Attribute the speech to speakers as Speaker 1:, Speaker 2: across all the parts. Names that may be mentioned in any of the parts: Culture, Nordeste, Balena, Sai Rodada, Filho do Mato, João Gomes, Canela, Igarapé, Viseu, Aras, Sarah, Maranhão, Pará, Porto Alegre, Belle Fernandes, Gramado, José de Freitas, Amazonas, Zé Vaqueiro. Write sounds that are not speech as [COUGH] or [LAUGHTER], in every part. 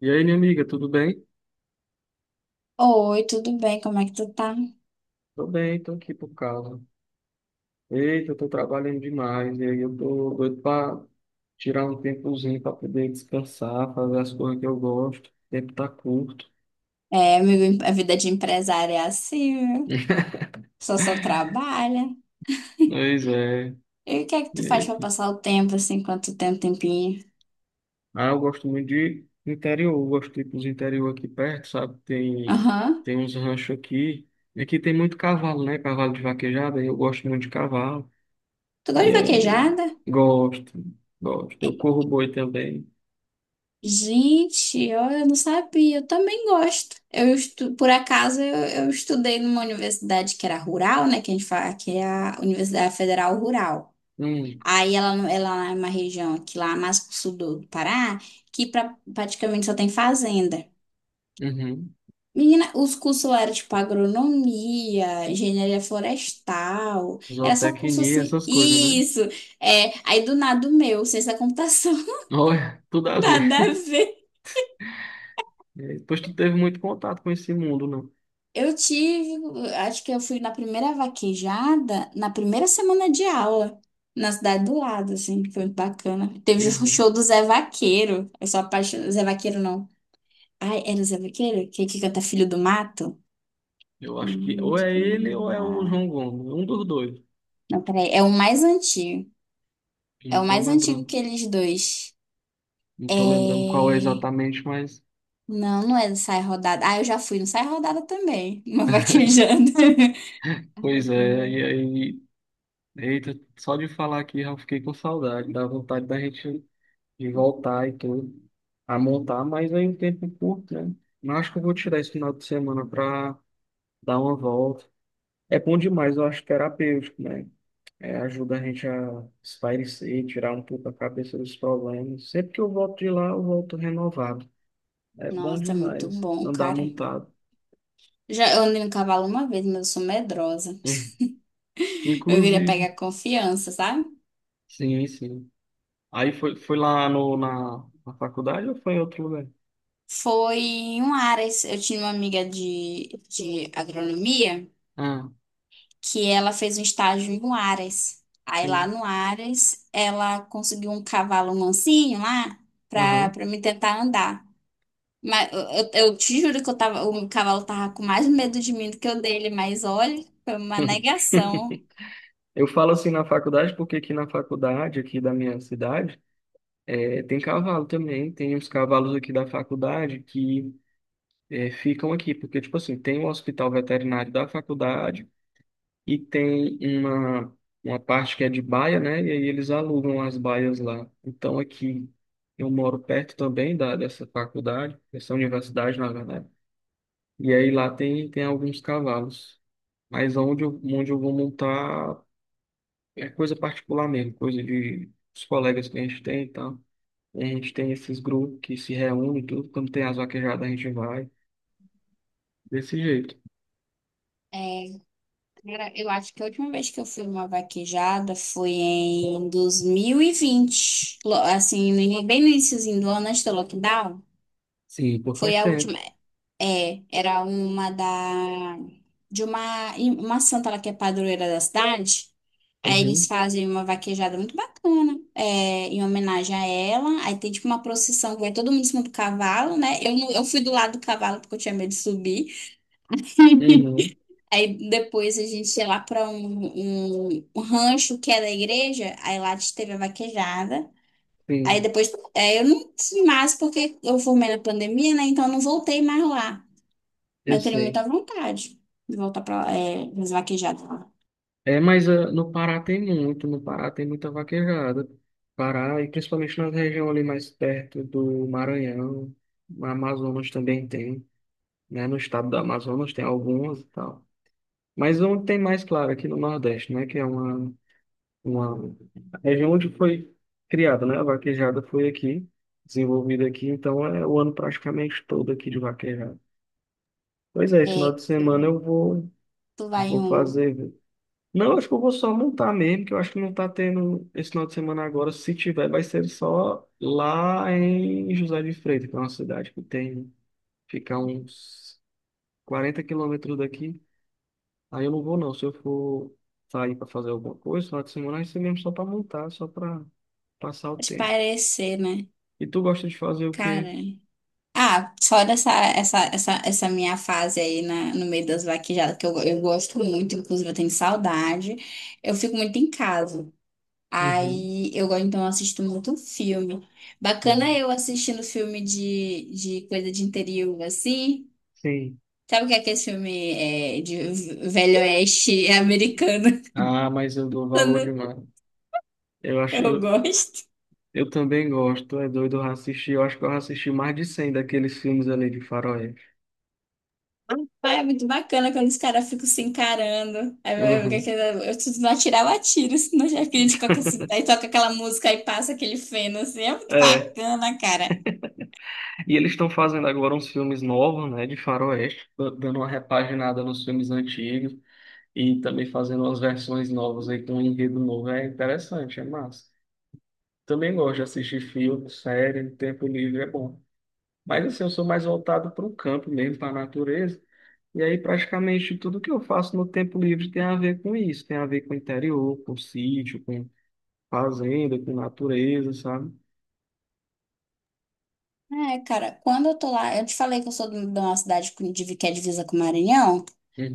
Speaker 1: E aí, minha amiga, tudo bem?
Speaker 2: Oi, tudo bem? Como é que tu tá?
Speaker 1: Tô bem, tô aqui por causa. Eita, eu tô trabalhando demais, e aí eu tô doido pra tirar um tempozinho pra poder descansar, fazer as coisas que eu gosto. O tempo tá curto.
Speaker 2: É, amigo, a vida de empresária é assim, viu?
Speaker 1: [LAUGHS]
Speaker 2: Só trabalha.
Speaker 1: Pois é.
Speaker 2: E o que é que tu faz pra
Speaker 1: Eita.
Speaker 2: passar o tempo, assim, enquanto tu tem um tempinho?
Speaker 1: Ah, eu gosto muito de interior, eu gosto de ir pros interior aqui perto, sabe? Tem,
Speaker 2: Aham.
Speaker 1: tem uns ranchos aqui. E aqui tem muito cavalo, né? Cavalo de vaquejada, e eu gosto muito de cavalo.
Speaker 2: Tu gosta
Speaker 1: E
Speaker 2: de
Speaker 1: aí,
Speaker 2: vaquejada?
Speaker 1: gosto, gosto. Eu corro boi também.
Speaker 2: Gente, eu não sabia. Eu também gosto. Por acaso, eu estudei numa universidade que era rural, né? Que a gente fala que é a Universidade Federal Rural.
Speaker 1: Hum,
Speaker 2: Aí ela, não- ela é uma região aqui lá mais pro sul do Pará, que praticamente só tem fazenda.
Speaker 1: uhum.
Speaker 2: Menina, os cursos lá eram tipo agronomia, engenharia florestal, era só curso
Speaker 1: Zootecnia,
Speaker 2: assim.
Speaker 1: essas coisas, né?
Speaker 2: Isso! É, aí do nada o meu, ciência da computação, [LAUGHS]
Speaker 1: Olha, [LAUGHS] tudo a ver.
Speaker 2: nada a
Speaker 1: [LAUGHS]
Speaker 2: ver.
Speaker 1: E aí, depois tu teve muito contato com esse mundo, não?
Speaker 2: Eu tive, acho que eu fui na primeira vaquejada, na primeira semana de aula, na cidade do lado, assim, foi muito bacana. Teve o
Speaker 1: Uhum.
Speaker 2: show do Zé Vaqueiro, eu sou apaixonada, Zé Vaqueiro não. Ai, era o Zé Vaqueiro? Que canta Filho do Mato?
Speaker 1: Eu acho que
Speaker 2: Filho
Speaker 1: ou é ele ou
Speaker 2: do
Speaker 1: é o
Speaker 2: Mato.
Speaker 1: João Gomes, um dos dois.
Speaker 2: Não, peraí, é o mais antigo.
Speaker 1: Eu
Speaker 2: É
Speaker 1: não
Speaker 2: o
Speaker 1: tô
Speaker 2: mais antigo
Speaker 1: lembrando.
Speaker 2: que eles dois.
Speaker 1: Não
Speaker 2: É...
Speaker 1: tô lembrando qual é exatamente, mas
Speaker 2: Não, não é do Sai Rodada. Ah, eu já fui no Sai Rodada também. Uma vaquejando.
Speaker 1: pois
Speaker 2: [LAUGHS] Como
Speaker 1: é,
Speaker 2: é?
Speaker 1: e aí, eita, só de falar aqui já fiquei com saudade, dá vontade da gente de voltar e tudo, a montar, mas aí o tempo é curto, né? Mas acho que eu vou tirar esse final de semana pra dar uma volta. É bom demais, eu acho terapêutico, né? É, ajuda a gente a espairecer, tirar um pouco a cabeça dos problemas. Sempre que eu volto de lá, eu volto renovado. É bom
Speaker 2: Nossa, muito
Speaker 1: demais
Speaker 2: bom,
Speaker 1: andar
Speaker 2: cara.
Speaker 1: montado.
Speaker 2: Já, eu andei no cavalo uma vez, mas eu sou medrosa.
Speaker 1: Hum,
Speaker 2: Eu queria
Speaker 1: Inclusive,
Speaker 2: pegar confiança, sabe?
Speaker 1: sim, sim. Aí foi lá no, na, na faculdade ou foi em outro lugar?
Speaker 2: Foi em um Aras. Eu tinha uma amiga de agronomia
Speaker 1: Ah,
Speaker 2: que ela fez um estágio em um Aras. Aí lá
Speaker 1: sim.
Speaker 2: no Aras, ela conseguiu um cavalo mansinho lá
Speaker 1: Aham.
Speaker 2: pra me tentar andar. Mas eu te juro que eu tava, o cavalo tava com mais medo de mim do que eu dele, mas olha, foi uma
Speaker 1: [LAUGHS]
Speaker 2: negação.
Speaker 1: Eu falo assim na faculdade porque aqui na faculdade, aqui da minha cidade, é, tem cavalo também. Tem uns cavalos aqui da faculdade que é, ficam aqui. Porque, tipo assim, tem o hospital veterinário da faculdade. E tem uma parte que é de baia, né? E aí eles alugam as baias lá. Então aqui eu moro perto também dessa faculdade, dessa universidade, na verdade. E aí lá tem alguns cavalos. Mas onde eu vou montar é coisa particular mesmo, coisa de os colegas que a gente tem e tal. A gente tem esses grupos que se reúnem, e tudo. Quando tem as vaquejadas, a gente vai. Desse jeito.
Speaker 2: É, cara, eu acho que a última vez que eu fui numa vaquejada foi em 2020, assim, bem no iniciozinho do ano, antes do lockdown.
Speaker 1: Sim, por
Speaker 2: Foi
Speaker 1: faz
Speaker 2: a
Speaker 1: tempo.
Speaker 2: última. É, era uma da de uma santa lá que é padroeira da cidade. Aí eles
Speaker 1: Uhum,
Speaker 2: fazem uma vaquejada muito bacana, é, em homenagem a ela. Aí tem tipo uma procissão que vai todo mundo em cima do cavalo, né? Eu, não- eu fui do lado do cavalo porque eu tinha medo de subir.
Speaker 1: uhum,
Speaker 2: [LAUGHS] Aí depois a gente ia lá para um rancho que é da igreja, aí lá a gente teve a vaquejada. Aí
Speaker 1: sim,
Speaker 2: depois, é, eu não fui mais porque eu formei na pandemia, né? Então eu não voltei mais lá.
Speaker 1: eu
Speaker 2: Mas eu teria
Speaker 1: sei.
Speaker 2: muita vontade de voltar pra é, nas vaquejadas lá.
Speaker 1: É, mas ah, no Pará tem muito, no Pará tem muita vaquejada. Pará, e principalmente na região ali mais perto do Maranhão, no Amazonas também tem, né? No estado do Amazonas tem algumas e tal. Mas onde tem mais, claro, aqui no Nordeste, né? Que é uma, uma a região onde foi criada, né? A vaquejada foi aqui, desenvolvida aqui, então é o ano praticamente todo aqui de vaquejada. Pois é, esse final
Speaker 2: É,
Speaker 1: de semana eu vou,
Speaker 2: tu vai em
Speaker 1: vou
Speaker 2: uma.
Speaker 1: fazer. Não, acho que eu vou só montar mesmo, que eu acho que não tá tendo esse final de semana agora. Se tiver, vai ser só lá em José de Freitas, que é uma cidade que tem, fica uns 40 km daqui. Aí eu não vou não. Se eu for sair para fazer alguma coisa, final de semana vai ser mesmo só para montar, só para passar o
Speaker 2: Mas
Speaker 1: tempo.
Speaker 2: parecer, né?
Speaker 1: E tu gosta de fazer o
Speaker 2: Cara.
Speaker 1: quê?
Speaker 2: Ah, fora essa minha fase aí na, no meio das vaquejadas, que eu gosto muito, inclusive eu tenho saudade. Eu fico muito em casa.
Speaker 1: Uhum,
Speaker 2: Aí eu gosto, então, eu assisto muito filme. Bacana
Speaker 1: uhum.
Speaker 2: eu assistindo filme de coisa de interior, assim.
Speaker 1: Sim.
Speaker 2: Sabe o que é aquele filme é, de velho oeste americano?
Speaker 1: Ah, mas eu dou valor
Speaker 2: [LAUGHS]
Speaker 1: demais. Eu acho,
Speaker 2: Eu
Speaker 1: eu,
Speaker 2: gosto.
Speaker 1: Eu também gosto, é doido, eu assisti, eu acho que eu assisti mais de 100 daqueles filmes ali de faroeste.
Speaker 2: Ai, é muito bacana quando os caras ficam se encarando. Aí
Speaker 1: Uhum.
Speaker 2: se não atirar, eu atiro, senão já crítico. Aí toca aquela música e passa aquele feno, assim. É muito
Speaker 1: É,
Speaker 2: bacana, cara.
Speaker 1: e eles estão fazendo agora uns filmes novos, né, de faroeste, dando uma repaginada nos filmes antigos e também fazendo umas versões novas aí com um enredo novo. É interessante, é massa. Também gosto de assistir filme, série, tempo livre é bom. Mas assim, eu sou mais voltado para o campo mesmo, para a natureza. E aí praticamente tudo que eu faço no tempo livre tem a ver com isso, tem a ver com o interior, com o sítio, fazenda, com natureza, sabe?
Speaker 2: É, cara, quando eu tô lá, eu te falei que eu sou de uma cidade que é divisa com o Maranhão.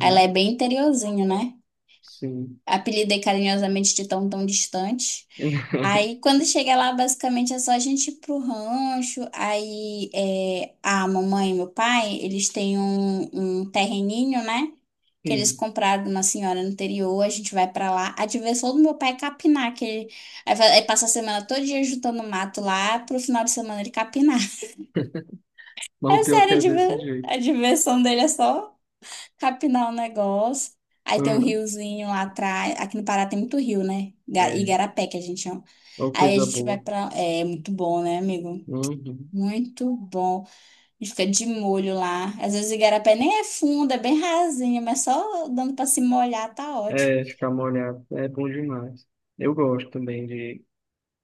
Speaker 2: Ela é bem interiorzinho, né?
Speaker 1: Sim.
Speaker 2: Apelidei carinhosamente de tão tão distante.
Speaker 1: [LAUGHS]
Speaker 2: Aí, quando chega lá, basicamente é só a gente ir pro rancho. Aí, é, a mamãe e meu pai, eles têm um terreninho, né? Que eles
Speaker 1: Sim.
Speaker 2: compraram de uma senhora no interior. A gente vai pra lá. A diversão do meu pai é capinar, que ele, aí, passa a semana todo dia juntando mato lá, pro final de semana ele capinar. [LAUGHS]
Speaker 1: Mas o
Speaker 2: É
Speaker 1: pior é que
Speaker 2: sério, a
Speaker 1: é desse jeito.
Speaker 2: a diversão dele é só capinar um negócio. Aí tem um
Speaker 1: Uhum.
Speaker 2: riozinho lá atrás. Aqui no Pará tem muito rio, né?
Speaker 1: É,
Speaker 2: Igarapé, que a gente chama.
Speaker 1: uma
Speaker 2: Aí a
Speaker 1: coisa
Speaker 2: gente vai
Speaker 1: boa.
Speaker 2: pra. É muito bom, né, amigo?
Speaker 1: Uhum.
Speaker 2: Muito bom. A gente fica de molho lá. Às vezes o Igarapé nem é fundo, é bem rasinho, mas só dando pra se molhar tá ótimo.
Speaker 1: É, ficar molhado é bom demais. Eu gosto também de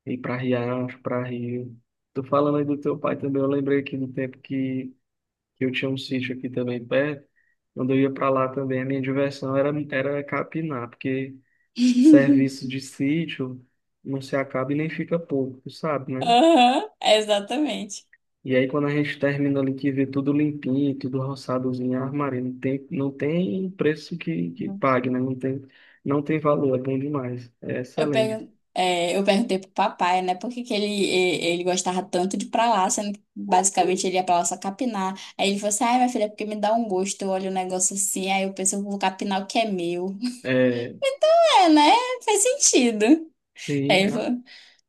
Speaker 1: ir para riacho, para rio. Tô falando aí do teu pai também. Eu lembrei aqui do tempo que eu tinha um sítio aqui também perto. Quando eu ia para lá também, a minha diversão era capinar, porque serviço
Speaker 2: [LAUGHS]
Speaker 1: de sítio não se acaba e nem fica pouco, tu sabe, né?
Speaker 2: Aham, exatamente.
Speaker 1: E aí, quando a gente termina ali que vê tudo limpinho, tudo roçadozinho, armário, não tem, não tem preço que pague, né? Não tem, não tem valor, é bom demais, é
Speaker 2: Eu,
Speaker 1: excelente.
Speaker 2: pergun é, eu perguntei pro papai, né, por que que ele gostava tanto de ir pra lá, sendo que basicamente ele ia pra lá só capinar. Aí ele falou assim, ai, minha filha, é porque me dá um gosto, eu olho o negócio assim, aí eu penso, eu vou capinar o que é meu.
Speaker 1: É,
Speaker 2: É, né? Faz sentido. Aí
Speaker 1: sim,
Speaker 2: ele falou,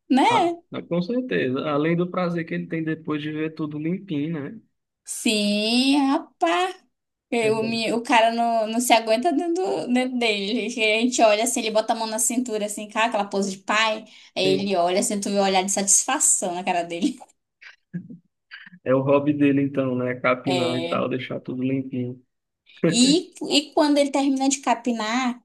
Speaker 2: né?
Speaker 1: com certeza. Além do prazer que ele tem depois de ver tudo limpinho, né?
Speaker 2: Sim, rapaz.
Speaker 1: É bom.
Speaker 2: O cara não se aguenta dentro, dentro dele. Que a gente olha assim, ele bota a mão na cintura, assim, cara, aquela pose de pai. Aí
Speaker 1: Sim,
Speaker 2: ele olha, assim, tu vê o olhar de satisfação na cara dele.
Speaker 1: é o hobby dele então, né? Capinar e
Speaker 2: É.
Speaker 1: tal, deixar tudo limpinho.
Speaker 2: E quando ele termina de capinar,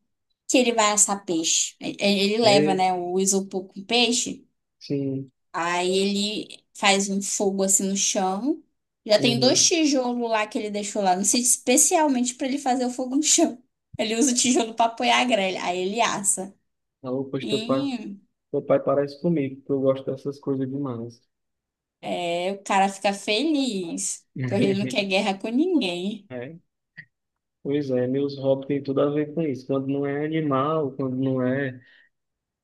Speaker 2: que ele vai assar peixe. Ele leva,
Speaker 1: É,
Speaker 2: né, o isopor com peixe,
Speaker 1: sim.
Speaker 2: aí ele faz um fogo assim no chão. Já tem dois
Speaker 1: Uhum.
Speaker 2: tijolos lá que ele deixou lá, não sei, especialmente para ele fazer o fogo no chão. [LAUGHS] Ele usa o tijolo para apoiar a grelha, aí ele assa.
Speaker 1: Alô, pois teu pai,
Speaker 2: E
Speaker 1: teu pai parece comigo, porque eu gosto dessas coisas demais.
Speaker 2: é, o cara fica feliz, porque ele não quer
Speaker 1: [LAUGHS]
Speaker 2: guerra com ninguém.
Speaker 1: É. Pois é, meus hobbies têm tudo a ver com isso. Quando não é animal, quando não é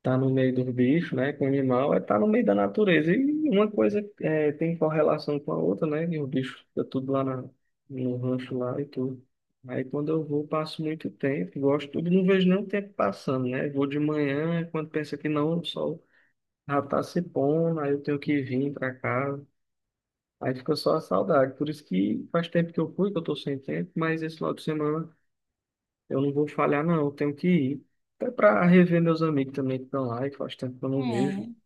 Speaker 1: tá no meio do bicho, né? Com animal, é tá no meio da natureza. E uma coisa é, tem correlação com a outra, né? E o bicho fica tudo lá na, no rancho lá e tudo. Aí quando eu vou, passo muito tempo, gosto tudo, não vejo nem o tempo passando, né? Vou de manhã, quando pensa que não, o sol já tá se pondo, aí eu tenho que vir para casa. Aí fica só a saudade. Por isso que faz tempo que eu fui, que eu tô sem tempo, mas esse final de semana. Eu não vou falhar, não. Eu tenho que ir. Até para rever meus amigos também que estão lá e faz tempo que eu não vejo,
Speaker 2: É.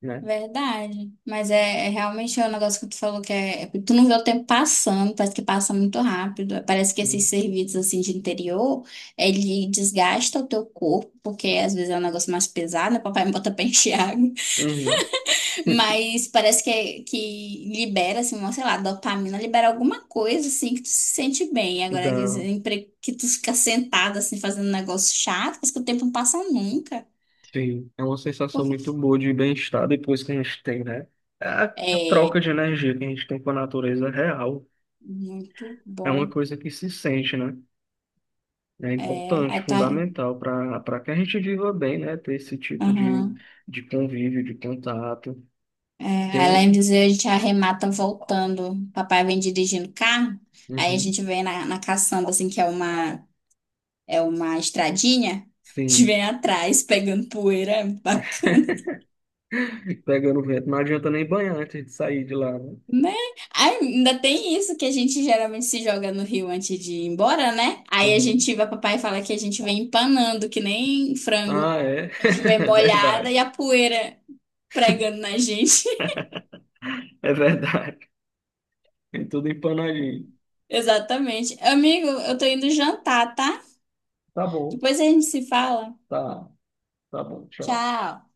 Speaker 1: né?
Speaker 2: Verdade. Mas é, realmente o negócio que tu falou que é, tu não vê o tempo passando, parece que passa muito rápido. Parece que esses
Speaker 1: Sim.
Speaker 2: serviços assim de interior, ele desgasta o teu corpo, porque às vezes é um negócio mais pesado, né? Papai me bota pra [LAUGHS] encher água,
Speaker 1: Uhum. [LAUGHS]
Speaker 2: mas parece que, que libera assim, uma, sei lá, dopamina, libera alguma coisa assim que tu se sente bem. Agora quer
Speaker 1: Dá.
Speaker 2: dizer, que tu fica sentado assim fazendo um negócio chato, parece que o tempo não passa nunca.
Speaker 1: Sim. É uma sensação
Speaker 2: Porque
Speaker 1: muito boa de bem-estar depois que a gente tem, né? É, a
Speaker 2: é
Speaker 1: troca de energia que a gente tem com a natureza é real.
Speaker 2: muito
Speaker 1: É uma
Speaker 2: bom.
Speaker 1: coisa que se sente, né? É
Speaker 2: É,
Speaker 1: importante,
Speaker 2: aí tá.
Speaker 1: fundamental para que a gente viva bem, né? Ter esse tipo
Speaker 2: Aham.
Speaker 1: de convívio, de contato.
Speaker 2: É, aí lá em
Speaker 1: Tem.
Speaker 2: Viseu a gente arremata voltando. Papai vem dirigindo o carro, aí a
Speaker 1: Uhum.
Speaker 2: gente vem na caçamba, assim, que é uma estradinha. A gente
Speaker 1: Sim.
Speaker 2: vem atrás pegando poeira, é bacana,
Speaker 1: Pegando vento, não adianta nem banhar antes de sair de lá, né?
Speaker 2: né? Aí ainda tem isso que a gente geralmente se joga no rio antes de ir embora, né? Aí a
Speaker 1: Uhum.
Speaker 2: gente vai, papai fala que a gente vem empanando, que nem frango.
Speaker 1: Ah, é?
Speaker 2: A gente
Speaker 1: [LAUGHS]
Speaker 2: vem
Speaker 1: É
Speaker 2: molhada
Speaker 1: verdade.
Speaker 2: e a poeira pregando na gente.
Speaker 1: É verdade. Tem tudo empanadinho.
Speaker 2: [LAUGHS] Exatamente. Amigo, eu tô indo jantar, tá?
Speaker 1: Tá bom,
Speaker 2: Depois a gente se fala.
Speaker 1: tá, tá bom, tchau.
Speaker 2: Tchau.